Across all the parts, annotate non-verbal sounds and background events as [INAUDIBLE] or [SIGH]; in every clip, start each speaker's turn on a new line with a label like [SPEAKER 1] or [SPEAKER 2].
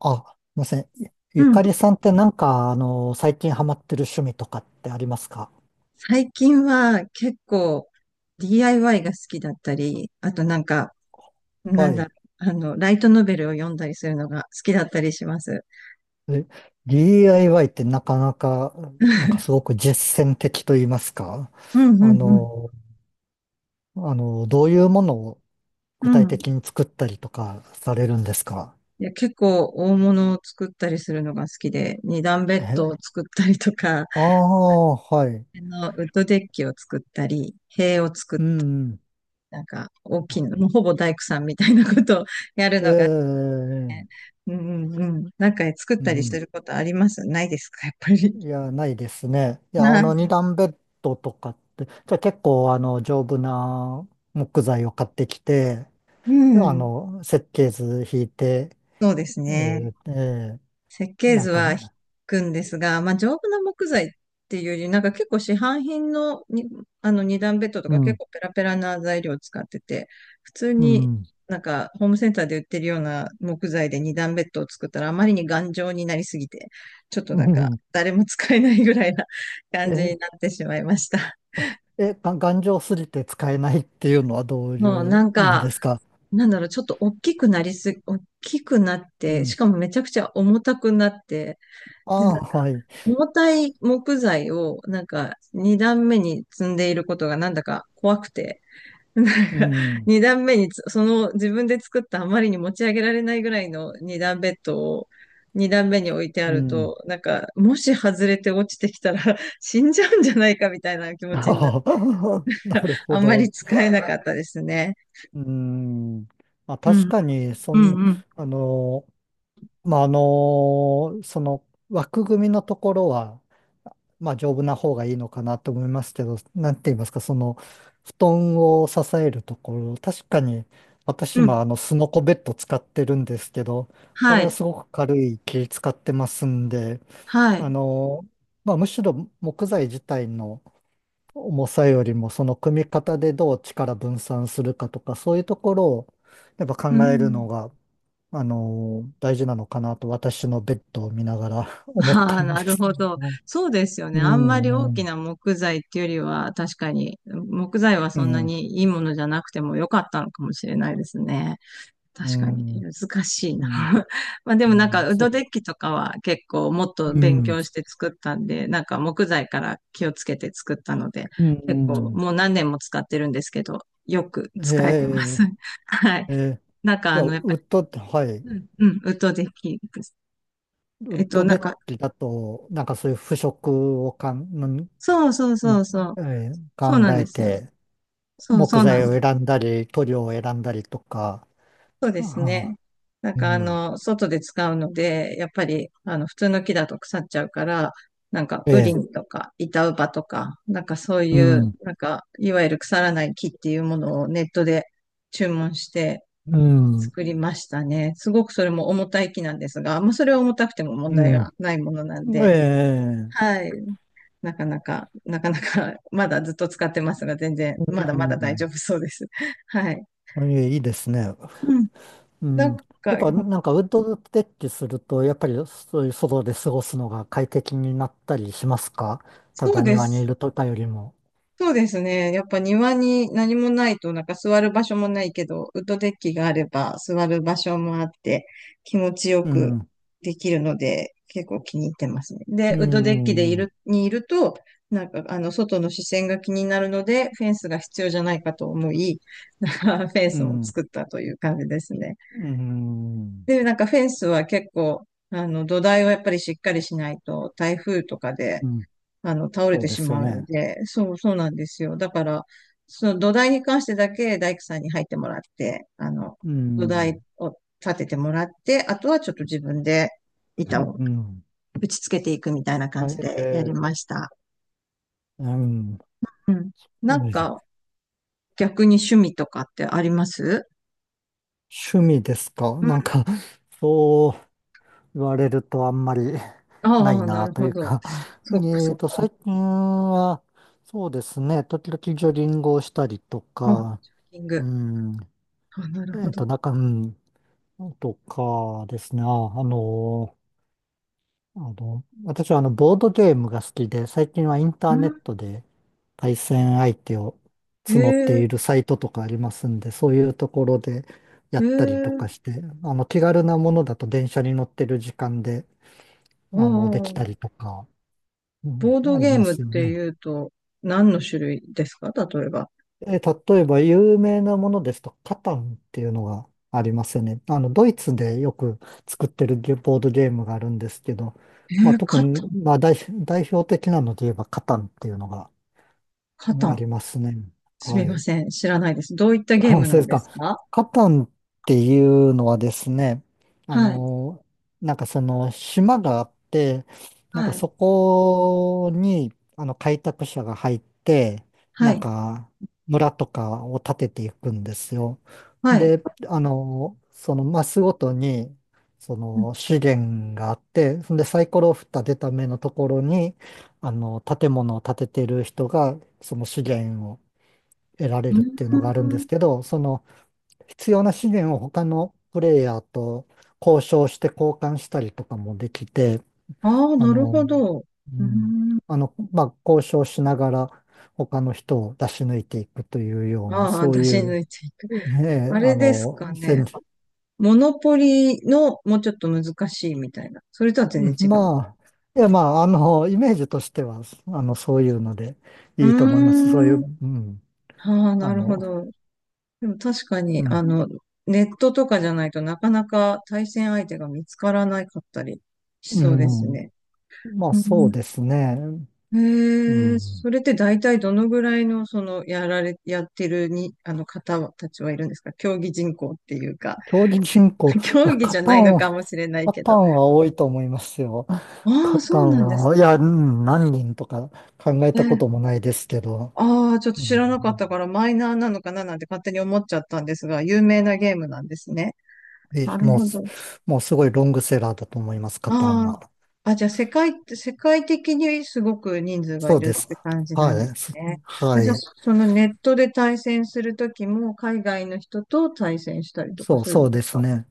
[SPEAKER 1] あ、すみません。ゆ
[SPEAKER 2] う
[SPEAKER 1] ゆ
[SPEAKER 2] ん。
[SPEAKER 1] かりさんってなんか、最近ハマってる趣味とかってありますか？
[SPEAKER 2] 最近は結構 DIY が好きだったり、あとな
[SPEAKER 1] は
[SPEAKER 2] んだろ
[SPEAKER 1] い。
[SPEAKER 2] ライトノベルを読んだりするのが好きだったりします。
[SPEAKER 1] え DIY ってなかなか、なんかすごく実践的と言いますか。
[SPEAKER 2] うんうんう
[SPEAKER 1] あ
[SPEAKER 2] ん。
[SPEAKER 1] の、どういうものを具
[SPEAKER 2] う
[SPEAKER 1] 体
[SPEAKER 2] ん。
[SPEAKER 1] 的に作ったりとかされるんですか？
[SPEAKER 2] いや、結構大物を作ったりするのが好きで、二段ベッ
[SPEAKER 1] え、
[SPEAKER 2] ドを作ったりとか、
[SPEAKER 1] ああ、はい。
[SPEAKER 2] ウッドデッキを作ったり、塀を作っ
[SPEAKER 1] うん、
[SPEAKER 2] たり、
[SPEAKER 1] うん。
[SPEAKER 2] なんか大きいの、もうほぼ大工さんみたいなことを [LAUGHS] やる
[SPEAKER 1] え
[SPEAKER 2] のが、
[SPEAKER 1] え、
[SPEAKER 2] うんうんうん。なんか作っ
[SPEAKER 1] う
[SPEAKER 2] たりす
[SPEAKER 1] ん。
[SPEAKER 2] ることありますないですか、やっぱり。
[SPEAKER 1] いや、ないですね。いや、
[SPEAKER 2] は
[SPEAKER 1] 二
[SPEAKER 2] い。
[SPEAKER 1] 段ベッドとかって、じゃあ結構、丈夫な木材を買ってきて、
[SPEAKER 2] うん。
[SPEAKER 1] 設計図引いて、
[SPEAKER 2] そうです
[SPEAKER 1] え
[SPEAKER 2] ね。
[SPEAKER 1] ーえー
[SPEAKER 2] 設計
[SPEAKER 1] なん
[SPEAKER 2] 図
[SPEAKER 1] か、う
[SPEAKER 2] は引くんですが、まあ、丈夫な木材っていうより、なんか結構市販品のに、あの二段ベッドとか結
[SPEAKER 1] ん、
[SPEAKER 2] 構ペラペラな材料を使ってて、普通
[SPEAKER 1] う
[SPEAKER 2] に
[SPEAKER 1] ん、
[SPEAKER 2] なんかホームセンターで売ってるような木材で二段ベッドを作ったらあまりに頑丈になりすぎて、ちょっと
[SPEAKER 1] う
[SPEAKER 2] なんか
[SPEAKER 1] ん、
[SPEAKER 2] 誰も使えないぐらいな [LAUGHS] 感じに
[SPEAKER 1] え、
[SPEAKER 2] なってしまいました。
[SPEAKER 1] が頑丈すぎて使えないっていうのはど
[SPEAKER 2] [LAUGHS]
[SPEAKER 1] うい
[SPEAKER 2] もうな
[SPEAKER 1] う
[SPEAKER 2] ん
[SPEAKER 1] 意味
[SPEAKER 2] か、
[SPEAKER 1] ですか？
[SPEAKER 2] なんだろう、ちょっと大きくなりすぎ、大きくなっ
[SPEAKER 1] う
[SPEAKER 2] て、し
[SPEAKER 1] ん。
[SPEAKER 2] かもめちゃくちゃ重たくなって、
[SPEAKER 1] ああ、はい。
[SPEAKER 2] 重たい木材をなんか二段目に積んでいることがなんだか怖くて、[LAUGHS] なんか
[SPEAKER 1] うん、
[SPEAKER 2] 二段目につその自分で作ったあまりに持ち上げられないぐらいの二段ベッドを二段目に置いてあ
[SPEAKER 1] う
[SPEAKER 2] る
[SPEAKER 1] ん。
[SPEAKER 2] と、なんかもし外れて落ちてきたら [LAUGHS] 死んじゃうんじゃないかみたいな気持ちになる。
[SPEAKER 1] ああ [LAUGHS] なるほ
[SPEAKER 2] あんまり
[SPEAKER 1] ど。
[SPEAKER 2] 使えなかったですね。
[SPEAKER 1] うん。まあ、
[SPEAKER 2] う
[SPEAKER 1] 確
[SPEAKER 2] ん、
[SPEAKER 1] かに、そ
[SPEAKER 2] うん、
[SPEAKER 1] ん、
[SPEAKER 2] うん、
[SPEAKER 1] あの、まあ、その枠組みのところは、まあ、丈夫な方がいいのかなと思いますけど、なんて言いますか、その、布団を支えるところ、確かに、私
[SPEAKER 2] う
[SPEAKER 1] 今、
[SPEAKER 2] ん。
[SPEAKER 1] スノコベッド使ってるんですけど、こ
[SPEAKER 2] は
[SPEAKER 1] れは
[SPEAKER 2] い、
[SPEAKER 1] すごく軽い木使ってますんで、
[SPEAKER 2] は
[SPEAKER 1] あ
[SPEAKER 2] い。
[SPEAKER 1] のまあ、むしろ木材自体の重さよりも、その組み方でどう力分散するかとか、そういうところを、やっぱ
[SPEAKER 2] う
[SPEAKER 1] 考える
[SPEAKER 2] ん、
[SPEAKER 1] のが、大事なのかなと私のベッドを見ながら [LAUGHS] 思っ
[SPEAKER 2] あ
[SPEAKER 1] た
[SPEAKER 2] あ、
[SPEAKER 1] んで
[SPEAKER 2] なる
[SPEAKER 1] すけ
[SPEAKER 2] ほど。
[SPEAKER 1] ど。
[SPEAKER 2] そうですよね。
[SPEAKER 1] う
[SPEAKER 2] あんまり大
[SPEAKER 1] ん、う
[SPEAKER 2] き
[SPEAKER 1] ん、
[SPEAKER 2] な木材っていうよりは、確かに、木材は
[SPEAKER 1] う
[SPEAKER 2] そんな
[SPEAKER 1] ん、
[SPEAKER 2] にいいものじゃなくても良かったのかもしれないですね。
[SPEAKER 1] う
[SPEAKER 2] 確かに、
[SPEAKER 1] ん、
[SPEAKER 2] 難しい
[SPEAKER 1] う
[SPEAKER 2] な。
[SPEAKER 1] ん、
[SPEAKER 2] [LAUGHS] まあで
[SPEAKER 1] う
[SPEAKER 2] もなん
[SPEAKER 1] ん、
[SPEAKER 2] か、ウッド
[SPEAKER 1] そ
[SPEAKER 2] デッキとかは結構もっ
[SPEAKER 1] う、
[SPEAKER 2] と
[SPEAKER 1] う
[SPEAKER 2] 勉
[SPEAKER 1] ん、
[SPEAKER 2] 強して作ったんで、なんか木材から気をつけて作ったので、
[SPEAKER 1] うん、
[SPEAKER 2] 結構
[SPEAKER 1] う
[SPEAKER 2] もう何年も使ってるんですけど、よく
[SPEAKER 1] ん、
[SPEAKER 2] 使えてま
[SPEAKER 1] へ
[SPEAKER 2] す。
[SPEAKER 1] え、
[SPEAKER 2] [LAUGHS] はい。
[SPEAKER 1] ええ、じゃあ、
[SPEAKER 2] や
[SPEAKER 1] ウ
[SPEAKER 2] っぱり、
[SPEAKER 1] ッドって、はい、
[SPEAKER 2] うん、うん、ウッドデッキです。
[SPEAKER 1] ウ
[SPEAKER 2] え
[SPEAKER 1] ッ
[SPEAKER 2] っと、
[SPEAKER 1] ド
[SPEAKER 2] な
[SPEAKER 1] デ
[SPEAKER 2] ん
[SPEAKER 1] ッ
[SPEAKER 2] か、
[SPEAKER 1] キだと、なんかそういう腐食をかん、ん
[SPEAKER 2] そうそうそ
[SPEAKER 1] ん
[SPEAKER 2] うそう。
[SPEAKER 1] えー
[SPEAKER 2] そうな
[SPEAKER 1] 考
[SPEAKER 2] んで
[SPEAKER 1] え
[SPEAKER 2] すよ。
[SPEAKER 1] て、
[SPEAKER 2] そう
[SPEAKER 1] 木
[SPEAKER 2] そうな
[SPEAKER 1] 材
[SPEAKER 2] んで
[SPEAKER 1] を
[SPEAKER 2] す。
[SPEAKER 1] 選んだり、塗料を選んだりとか、
[SPEAKER 2] そうです
[SPEAKER 1] ああ、
[SPEAKER 2] ね。
[SPEAKER 1] うん、
[SPEAKER 2] 外で使うので、やっぱり普通の木だと腐っちゃうから、なんか
[SPEAKER 1] え
[SPEAKER 2] ウリ
[SPEAKER 1] え、
[SPEAKER 2] ンとか板ウバとか、なんかそう
[SPEAKER 1] う
[SPEAKER 2] いう、
[SPEAKER 1] ん、
[SPEAKER 2] なんかいわゆる腐らない木っていうものをネットで注文して
[SPEAKER 1] うん、
[SPEAKER 2] 作りましたね。すごくそれも重たい木なんですが、まあそれは重たくても問
[SPEAKER 1] う
[SPEAKER 2] 題がないものなん
[SPEAKER 1] ん、え
[SPEAKER 2] で、
[SPEAKER 1] え、
[SPEAKER 2] はい。なかなか、なかなか、まだずっと使ってますが、全然、
[SPEAKER 1] う
[SPEAKER 2] まだまだ大丈
[SPEAKER 1] ん。
[SPEAKER 2] 夫そうです。はい。
[SPEAKER 1] いいいいですね。
[SPEAKER 2] うん、
[SPEAKER 1] う
[SPEAKER 2] なん
[SPEAKER 1] ん。
[SPEAKER 2] か、
[SPEAKER 1] やっぱなんかウッドデッキすると、やっぱりそういう外で過ごすのが快適になったりしますか？た
[SPEAKER 2] そう
[SPEAKER 1] だ
[SPEAKER 2] で
[SPEAKER 1] 庭にい
[SPEAKER 2] す。
[SPEAKER 1] るとかよりも。
[SPEAKER 2] そうですね。やっぱ庭に何もないと、なんか座る場所もないけど、ウッドデッキがあれば座る場所もあって、気持ちよ
[SPEAKER 1] う
[SPEAKER 2] く
[SPEAKER 1] ん。
[SPEAKER 2] できるので、結構気に入ってますね。
[SPEAKER 1] う
[SPEAKER 2] で、ウッドデッキでい
[SPEAKER 1] ん。うん。
[SPEAKER 2] る、にいると、なんか、あの、外の視線が気になるので、フェンスが必要じゃないかと思い、[LAUGHS] なんかフェンスも作っ
[SPEAKER 1] う
[SPEAKER 2] たという感じですね。
[SPEAKER 1] ん。
[SPEAKER 2] で、なんかフェンスは結構、あの、土台をやっぱりしっかりしないと、台風とかで、
[SPEAKER 1] うん。
[SPEAKER 2] あの、倒れ
[SPEAKER 1] そう
[SPEAKER 2] て
[SPEAKER 1] で
[SPEAKER 2] し
[SPEAKER 1] すよ
[SPEAKER 2] まうの
[SPEAKER 1] ね。
[SPEAKER 2] で、そう、そうなんですよ。だから、その土台に関してだけ大工さんに入ってもらって、あの、
[SPEAKER 1] う
[SPEAKER 2] 土台
[SPEAKER 1] ん。
[SPEAKER 2] を立ててもらって、あとはちょっと自分で
[SPEAKER 1] う
[SPEAKER 2] 板
[SPEAKER 1] ん。
[SPEAKER 2] を
[SPEAKER 1] うん、
[SPEAKER 2] 打ち付けていくみたいな感
[SPEAKER 1] あ
[SPEAKER 2] じでや
[SPEAKER 1] え
[SPEAKER 2] り
[SPEAKER 1] ー、
[SPEAKER 2] ました。
[SPEAKER 1] うん。うん、
[SPEAKER 2] うん。なんか、逆に趣味とかってあります？
[SPEAKER 1] 趣味ですか？
[SPEAKER 2] うん。
[SPEAKER 1] なんか、そう。言われるとあんまり [LAUGHS] な
[SPEAKER 2] あ
[SPEAKER 1] い
[SPEAKER 2] あ、な
[SPEAKER 1] な
[SPEAKER 2] る
[SPEAKER 1] と
[SPEAKER 2] ほ
[SPEAKER 1] いう
[SPEAKER 2] ど。
[SPEAKER 1] か [LAUGHS]
[SPEAKER 2] そっか
[SPEAKER 1] え
[SPEAKER 2] そ
[SPEAKER 1] っ
[SPEAKER 2] っ
[SPEAKER 1] と、
[SPEAKER 2] か。
[SPEAKER 1] 最近は、そうですね、時々ジョギングをしたりと
[SPEAKER 2] あ、
[SPEAKER 1] か、
[SPEAKER 2] ジョギング。
[SPEAKER 1] うん、
[SPEAKER 2] あ、なるほど。
[SPEAKER 1] うん、とかですね、の、私はボードゲームが好きで、最近はインタ
[SPEAKER 2] う
[SPEAKER 1] ーネッ
[SPEAKER 2] ん。
[SPEAKER 1] トで対戦相手を
[SPEAKER 2] え
[SPEAKER 1] 募ってい
[SPEAKER 2] え、
[SPEAKER 1] るサイトとかありますんで、そういうところでや
[SPEAKER 2] え
[SPEAKER 1] ったりと
[SPEAKER 2] え、
[SPEAKER 1] かして、気軽なものだと電車に乗ってる時間で、
[SPEAKER 2] あ
[SPEAKER 1] できた
[SPEAKER 2] あ、
[SPEAKER 1] りとか、うん、
[SPEAKER 2] ボード
[SPEAKER 1] あり
[SPEAKER 2] ゲー
[SPEAKER 1] ま
[SPEAKER 2] ムっ
[SPEAKER 1] すよ
[SPEAKER 2] て
[SPEAKER 1] ね。
[SPEAKER 2] いうと、何の種類ですか例えば。
[SPEAKER 1] 例えば有名なものですと、カタンっていうのがありますよね。ドイツでよく作ってるゲボードゲームがあるんですけど、
[SPEAKER 2] え
[SPEAKER 1] まあ、
[SPEAKER 2] ー、
[SPEAKER 1] 特
[SPEAKER 2] カタ
[SPEAKER 1] に、
[SPEAKER 2] ン、
[SPEAKER 1] まあ、代表的なので言えばカタンっていうのが
[SPEAKER 2] カ
[SPEAKER 1] う
[SPEAKER 2] タ
[SPEAKER 1] ん、あ
[SPEAKER 2] ン。
[SPEAKER 1] りますね。
[SPEAKER 2] すみ
[SPEAKER 1] は
[SPEAKER 2] ま
[SPEAKER 1] い。
[SPEAKER 2] せん。知らないです。どういった
[SPEAKER 1] あ、
[SPEAKER 2] ゲームな
[SPEAKER 1] そうで
[SPEAKER 2] ん
[SPEAKER 1] す
[SPEAKER 2] で
[SPEAKER 1] か。
[SPEAKER 2] すか？
[SPEAKER 1] カタンっていうのはですね、あ
[SPEAKER 2] はい、
[SPEAKER 1] の、なんかその島があって、なん
[SPEAKER 2] は
[SPEAKER 1] かそ
[SPEAKER 2] い、
[SPEAKER 1] こにあの開拓者が入って、
[SPEAKER 2] は
[SPEAKER 1] なん
[SPEAKER 2] い、
[SPEAKER 1] か村とかを建てていくんですよ。
[SPEAKER 2] はい。
[SPEAKER 1] で、そのマスごとに、その資源があって、そんでサイコロを振った出た目のところに、建物を建ててる人が、その資源を得られ
[SPEAKER 2] う
[SPEAKER 1] るっていうのがあるんで
[SPEAKER 2] ん。
[SPEAKER 1] すけど、その、必要な資源を他のプレイヤーと交渉して交換したりとかもできて、
[SPEAKER 2] ああー、
[SPEAKER 1] あ
[SPEAKER 2] なるほ
[SPEAKER 1] の、
[SPEAKER 2] ど。
[SPEAKER 1] う
[SPEAKER 2] う
[SPEAKER 1] ん、
[SPEAKER 2] ん。
[SPEAKER 1] まあ、交渉しながら他の人を出し抜いていくというような、
[SPEAKER 2] ああ、
[SPEAKER 1] そう
[SPEAKER 2] 出
[SPEAKER 1] い
[SPEAKER 2] し抜
[SPEAKER 1] う、
[SPEAKER 2] いていく。
[SPEAKER 1] え
[SPEAKER 2] あ
[SPEAKER 1] え、あ
[SPEAKER 2] れですか
[SPEAKER 1] の、
[SPEAKER 2] ね。モノポリのもうちょっと難しいみたいな。それとは全
[SPEAKER 1] う
[SPEAKER 2] 然
[SPEAKER 1] ん [LAUGHS]
[SPEAKER 2] 違う。
[SPEAKER 1] まあ、いや、まあ、イメージとしては、そういうのでいいと思います。そういう、
[SPEAKER 2] うーん。
[SPEAKER 1] うん、
[SPEAKER 2] ああ、
[SPEAKER 1] あ
[SPEAKER 2] なるほ
[SPEAKER 1] の、
[SPEAKER 2] ど。でも確か
[SPEAKER 1] う
[SPEAKER 2] に、あ
[SPEAKER 1] ん、
[SPEAKER 2] の、ネットとかじゃないとなかなか対戦相手が見つからなかったりし
[SPEAKER 1] う
[SPEAKER 2] そうです
[SPEAKER 1] ん、
[SPEAKER 2] ね。
[SPEAKER 1] まあ、
[SPEAKER 2] う
[SPEAKER 1] そう
[SPEAKER 2] ん、
[SPEAKER 1] ですね。う
[SPEAKER 2] へえ、
[SPEAKER 1] ん、
[SPEAKER 2] それって大体どのぐらいの、その、やられ、やってるに、あの方たちはいるんですか？競技人口っていうか、
[SPEAKER 1] 競技人口、
[SPEAKER 2] [LAUGHS]
[SPEAKER 1] い
[SPEAKER 2] 競
[SPEAKER 1] や、
[SPEAKER 2] 技じゃないのかもしれない
[SPEAKER 1] カ
[SPEAKER 2] け
[SPEAKER 1] タ
[SPEAKER 2] ど。
[SPEAKER 1] ンは多いと思いますよ。
[SPEAKER 2] あ
[SPEAKER 1] カ
[SPEAKER 2] あ、そ
[SPEAKER 1] タ
[SPEAKER 2] う
[SPEAKER 1] ン
[SPEAKER 2] なんです
[SPEAKER 1] は、いや、うん、何人とか考えたこ
[SPEAKER 2] ね。
[SPEAKER 1] ともないですけど、
[SPEAKER 2] ああ、ちょっと
[SPEAKER 1] う
[SPEAKER 2] 知
[SPEAKER 1] ん、
[SPEAKER 2] らなかったからマイナーなのかななんて勝手に思っちゃったんですが、有名なゲームなんですね。
[SPEAKER 1] え、
[SPEAKER 2] なる
[SPEAKER 1] もう
[SPEAKER 2] ほ
[SPEAKER 1] す、
[SPEAKER 2] ど。
[SPEAKER 1] もうすごいロングセラーだと思います、カタン
[SPEAKER 2] あ
[SPEAKER 1] は。
[SPEAKER 2] あ。あ、じゃあ世界的にすごく人数が
[SPEAKER 1] そ
[SPEAKER 2] い
[SPEAKER 1] うで
[SPEAKER 2] るっ
[SPEAKER 1] す。
[SPEAKER 2] て感じ
[SPEAKER 1] は
[SPEAKER 2] なんです
[SPEAKER 1] い。
[SPEAKER 2] ね。あ、
[SPEAKER 1] は
[SPEAKER 2] じゃあ
[SPEAKER 1] い。
[SPEAKER 2] そそのネットで対戦するときも海外の人と対戦したりとか
[SPEAKER 1] そう、
[SPEAKER 2] するんで
[SPEAKER 1] そう
[SPEAKER 2] す
[SPEAKER 1] です
[SPEAKER 2] か？
[SPEAKER 1] ね。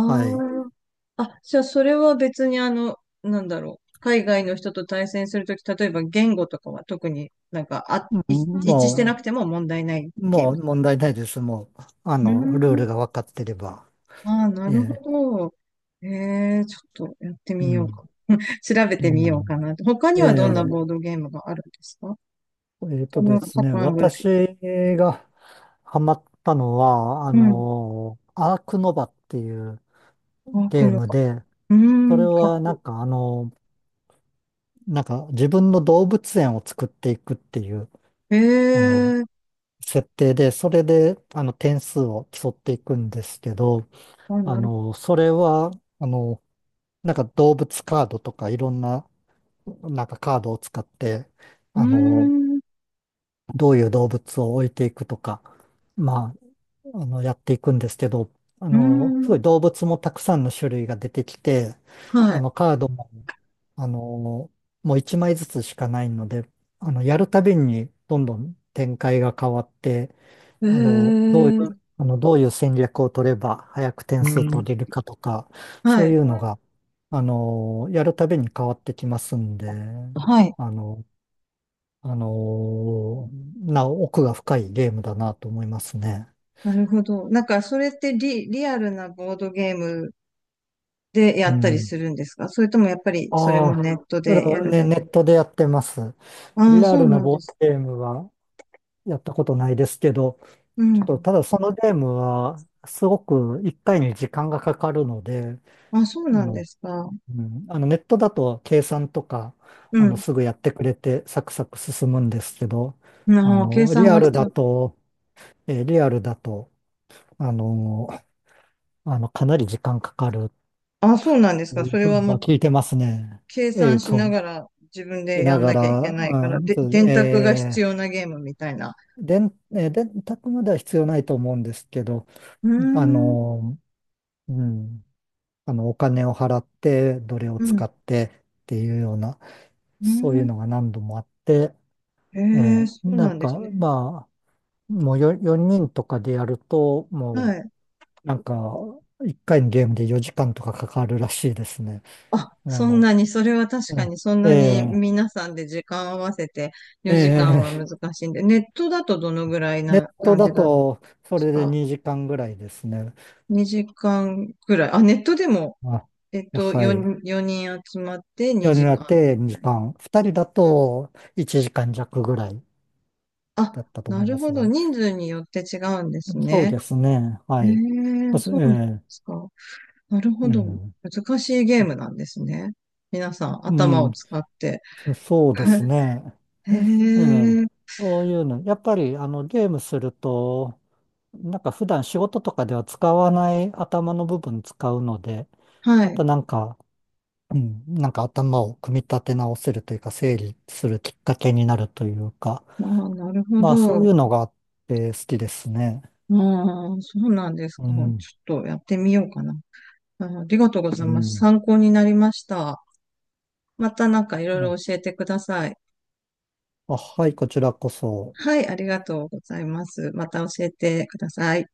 [SPEAKER 1] はい。
[SPEAKER 2] あ。あ、じゃあそれは別にあの、なんだろう。海外の人と対戦するとき、例えば言語とかは特になんか、あ、
[SPEAKER 1] う
[SPEAKER 2] い
[SPEAKER 1] ん、
[SPEAKER 2] 一致してな
[SPEAKER 1] も
[SPEAKER 2] くても問題ない
[SPEAKER 1] う、
[SPEAKER 2] ゲー
[SPEAKER 1] も
[SPEAKER 2] ム。
[SPEAKER 1] う問題ないです。もう、
[SPEAKER 2] うー
[SPEAKER 1] ルー
[SPEAKER 2] ん。
[SPEAKER 1] ルが分かってれば。
[SPEAKER 2] ああ、な
[SPEAKER 1] え
[SPEAKER 2] るほ
[SPEAKER 1] え。
[SPEAKER 2] ど。ええ、ちょっとやって
[SPEAKER 1] う
[SPEAKER 2] みようか
[SPEAKER 1] ん。
[SPEAKER 2] な。調べ
[SPEAKER 1] う
[SPEAKER 2] てみよう
[SPEAKER 1] ん。
[SPEAKER 2] かなと。他に
[SPEAKER 1] え
[SPEAKER 2] はどんな
[SPEAKER 1] え。
[SPEAKER 2] ボードゲームがあるんですか
[SPEAKER 1] えっ
[SPEAKER 2] こ
[SPEAKER 1] とで
[SPEAKER 2] のパ
[SPEAKER 1] すね、
[SPEAKER 2] ターンぐら
[SPEAKER 1] 私
[SPEAKER 2] い。
[SPEAKER 1] がハマったのは、
[SPEAKER 2] うん。
[SPEAKER 1] アークノバっていう
[SPEAKER 2] あ、く
[SPEAKER 1] ゲー
[SPEAKER 2] の
[SPEAKER 1] ム
[SPEAKER 2] か。
[SPEAKER 1] で、
[SPEAKER 2] うー
[SPEAKER 1] それ
[SPEAKER 2] ん。か、
[SPEAKER 1] はなんかあの、なんか自分の動物園を作っていくっていう、
[SPEAKER 2] へ
[SPEAKER 1] あの、
[SPEAKER 2] え。
[SPEAKER 1] 設定で、それで、点数を競っていくんですけど、
[SPEAKER 2] あ、なる
[SPEAKER 1] それは、あの、なんか動物カードとかいろんな、なんかカードを使って、
[SPEAKER 2] ほど。
[SPEAKER 1] あ
[SPEAKER 2] うー
[SPEAKER 1] の、
[SPEAKER 2] ん。う
[SPEAKER 1] どういう動物を置いていくとか、まあ、やっていくんですけど、
[SPEAKER 2] ー
[SPEAKER 1] すご
[SPEAKER 2] ん。
[SPEAKER 1] い動物もたくさんの種類が出てきて、
[SPEAKER 2] はい。
[SPEAKER 1] カードも、あの、もう1枚ずつしかないので、やるたびにどんどん展開が変わって、
[SPEAKER 2] へ
[SPEAKER 1] あの、どう、
[SPEAKER 2] え。
[SPEAKER 1] どういう戦略を取れば早く点数取れるかとか、
[SPEAKER 2] は
[SPEAKER 1] そうい
[SPEAKER 2] い。
[SPEAKER 1] うのが、やるたびに変わってきますんで、
[SPEAKER 2] はい。
[SPEAKER 1] あの、あの、奥が深いゲームだなと思いますね。
[SPEAKER 2] なるほど。なんか、それってリアルなボードゲームでや
[SPEAKER 1] う
[SPEAKER 2] ったり
[SPEAKER 1] ん。
[SPEAKER 2] するんですか？それともやっぱりそれ
[SPEAKER 1] あ
[SPEAKER 2] も
[SPEAKER 1] あ、
[SPEAKER 2] ネット
[SPEAKER 1] それ
[SPEAKER 2] で
[SPEAKER 1] は
[SPEAKER 2] やる
[SPEAKER 1] ね、
[SPEAKER 2] だけ？
[SPEAKER 1] ネットでやってます。
[SPEAKER 2] ああ、
[SPEAKER 1] リア
[SPEAKER 2] そう
[SPEAKER 1] ル
[SPEAKER 2] な
[SPEAKER 1] な
[SPEAKER 2] んで
[SPEAKER 1] ボード
[SPEAKER 2] す。
[SPEAKER 1] ゲームはやったことないですけど、
[SPEAKER 2] う
[SPEAKER 1] ちょっと
[SPEAKER 2] ん。
[SPEAKER 1] ただそのゲームはすごく一回に時間がかかるので、
[SPEAKER 2] あ、そう
[SPEAKER 1] あ
[SPEAKER 2] なんで
[SPEAKER 1] の、
[SPEAKER 2] すか。
[SPEAKER 1] うん、ネットだと計算とか、
[SPEAKER 2] うん。
[SPEAKER 1] すぐやってくれてサクサク進むんですけど、あ
[SPEAKER 2] ああ、計
[SPEAKER 1] の、リ
[SPEAKER 2] 算
[SPEAKER 1] ア
[SPEAKER 2] が
[SPEAKER 1] ル
[SPEAKER 2] 必
[SPEAKER 1] だ
[SPEAKER 2] 要。
[SPEAKER 1] と、リアルだと、あの、かなり時間かかる
[SPEAKER 2] あ、そうなんです
[SPEAKER 1] と
[SPEAKER 2] か。
[SPEAKER 1] い
[SPEAKER 2] そ
[SPEAKER 1] う
[SPEAKER 2] れ
[SPEAKER 1] ふう
[SPEAKER 2] は
[SPEAKER 1] には聞いてますね。
[SPEAKER 2] 計
[SPEAKER 1] え
[SPEAKER 2] 算
[SPEAKER 1] っ
[SPEAKER 2] しな
[SPEAKER 1] と、
[SPEAKER 2] がら自分
[SPEAKER 1] い
[SPEAKER 2] で
[SPEAKER 1] な
[SPEAKER 2] やん
[SPEAKER 1] が
[SPEAKER 2] なきゃいけ
[SPEAKER 1] ら、
[SPEAKER 2] ないか
[SPEAKER 1] う
[SPEAKER 2] ら、
[SPEAKER 1] ん、
[SPEAKER 2] で、
[SPEAKER 1] ず、
[SPEAKER 2] 電卓が
[SPEAKER 1] え
[SPEAKER 2] 必
[SPEAKER 1] ー
[SPEAKER 2] 要なゲームみたいな。
[SPEAKER 1] 電、えー電卓までは必要ないと思うんですけど、
[SPEAKER 2] うー
[SPEAKER 1] あ
[SPEAKER 2] ん、
[SPEAKER 1] の、うん、お金を払って、どれを
[SPEAKER 2] う
[SPEAKER 1] 使
[SPEAKER 2] ん、
[SPEAKER 1] ってっていうような、
[SPEAKER 2] う
[SPEAKER 1] そうい
[SPEAKER 2] ー
[SPEAKER 1] う
[SPEAKER 2] ん。
[SPEAKER 1] のが何度もあって、
[SPEAKER 2] えー、そう
[SPEAKER 1] な
[SPEAKER 2] な
[SPEAKER 1] ん
[SPEAKER 2] んです
[SPEAKER 1] か、
[SPEAKER 2] ね。
[SPEAKER 1] まあ、もう4、人とかでやると、
[SPEAKER 2] は
[SPEAKER 1] も
[SPEAKER 2] い。
[SPEAKER 1] う、なんか、1回のゲームで4時間とかかかるらしいですね。
[SPEAKER 2] あ、
[SPEAKER 1] あ
[SPEAKER 2] そん
[SPEAKER 1] の、
[SPEAKER 2] なに、それは確
[SPEAKER 1] う
[SPEAKER 2] かに
[SPEAKER 1] ん、
[SPEAKER 2] そんなに皆さんで時間合わせて4時間
[SPEAKER 1] え
[SPEAKER 2] は
[SPEAKER 1] え
[SPEAKER 2] 難
[SPEAKER 1] え
[SPEAKER 2] しいんで、ネットだとどのぐらい
[SPEAKER 1] ネッ
[SPEAKER 2] な
[SPEAKER 1] ト
[SPEAKER 2] 感じ
[SPEAKER 1] だ
[SPEAKER 2] だったんで
[SPEAKER 1] と、そ
[SPEAKER 2] す
[SPEAKER 1] れで
[SPEAKER 2] か？
[SPEAKER 1] 2時間ぐらいですね。
[SPEAKER 2] 2 時間ぐらい。あ、ネットでも、
[SPEAKER 1] あ、
[SPEAKER 2] えっと、
[SPEAKER 1] はい。
[SPEAKER 2] 4、4人集まって
[SPEAKER 1] 夜に
[SPEAKER 2] 2
[SPEAKER 1] なっ
[SPEAKER 2] 時間み
[SPEAKER 1] て
[SPEAKER 2] た
[SPEAKER 1] 2
[SPEAKER 2] い
[SPEAKER 1] 時
[SPEAKER 2] な。
[SPEAKER 1] 間。2人だと1時間弱ぐらい
[SPEAKER 2] あ、
[SPEAKER 1] だったと思
[SPEAKER 2] な
[SPEAKER 1] い
[SPEAKER 2] る
[SPEAKER 1] ま
[SPEAKER 2] ほ
[SPEAKER 1] す
[SPEAKER 2] ど。
[SPEAKER 1] が。
[SPEAKER 2] 人数によって違うんです
[SPEAKER 1] そう
[SPEAKER 2] ね。
[SPEAKER 1] ですね。
[SPEAKER 2] え
[SPEAKER 1] は
[SPEAKER 2] え、
[SPEAKER 1] い。まず、え
[SPEAKER 2] そうなんです
[SPEAKER 1] え、
[SPEAKER 2] か。なるほ
[SPEAKER 1] う
[SPEAKER 2] ど。
[SPEAKER 1] ん。
[SPEAKER 2] 難しいゲームなんですね。皆さん、
[SPEAKER 1] う
[SPEAKER 2] 頭を
[SPEAKER 1] ん。
[SPEAKER 2] 使って。
[SPEAKER 1] そうです
[SPEAKER 2] [LAUGHS]
[SPEAKER 1] ね。
[SPEAKER 2] え
[SPEAKER 1] ええ。
[SPEAKER 2] え、
[SPEAKER 1] そういうの。やっぱり、ゲームすると、なんか普段仕事とかでは使わない頭の部分使うので、
[SPEAKER 2] は
[SPEAKER 1] ま
[SPEAKER 2] い。
[SPEAKER 1] たなんか、うん、なんか頭を組み立て直せるというか、整理するきっかけになるというか、
[SPEAKER 2] ああ、なるほ
[SPEAKER 1] まあそうい
[SPEAKER 2] ど。
[SPEAKER 1] うのがあって好きですね。
[SPEAKER 2] ああ、そうなんです
[SPEAKER 1] う
[SPEAKER 2] か。ちょっ
[SPEAKER 1] ん、
[SPEAKER 2] とやってみようかな。ああ、ありがとうご
[SPEAKER 1] う
[SPEAKER 2] ざいます。
[SPEAKER 1] ん。
[SPEAKER 2] 参考になりました。またなんかいろい
[SPEAKER 1] あ、
[SPEAKER 2] ろ教えてください。
[SPEAKER 1] あ、はい、こちらこそ。
[SPEAKER 2] はい、ありがとうございます。また教えてください。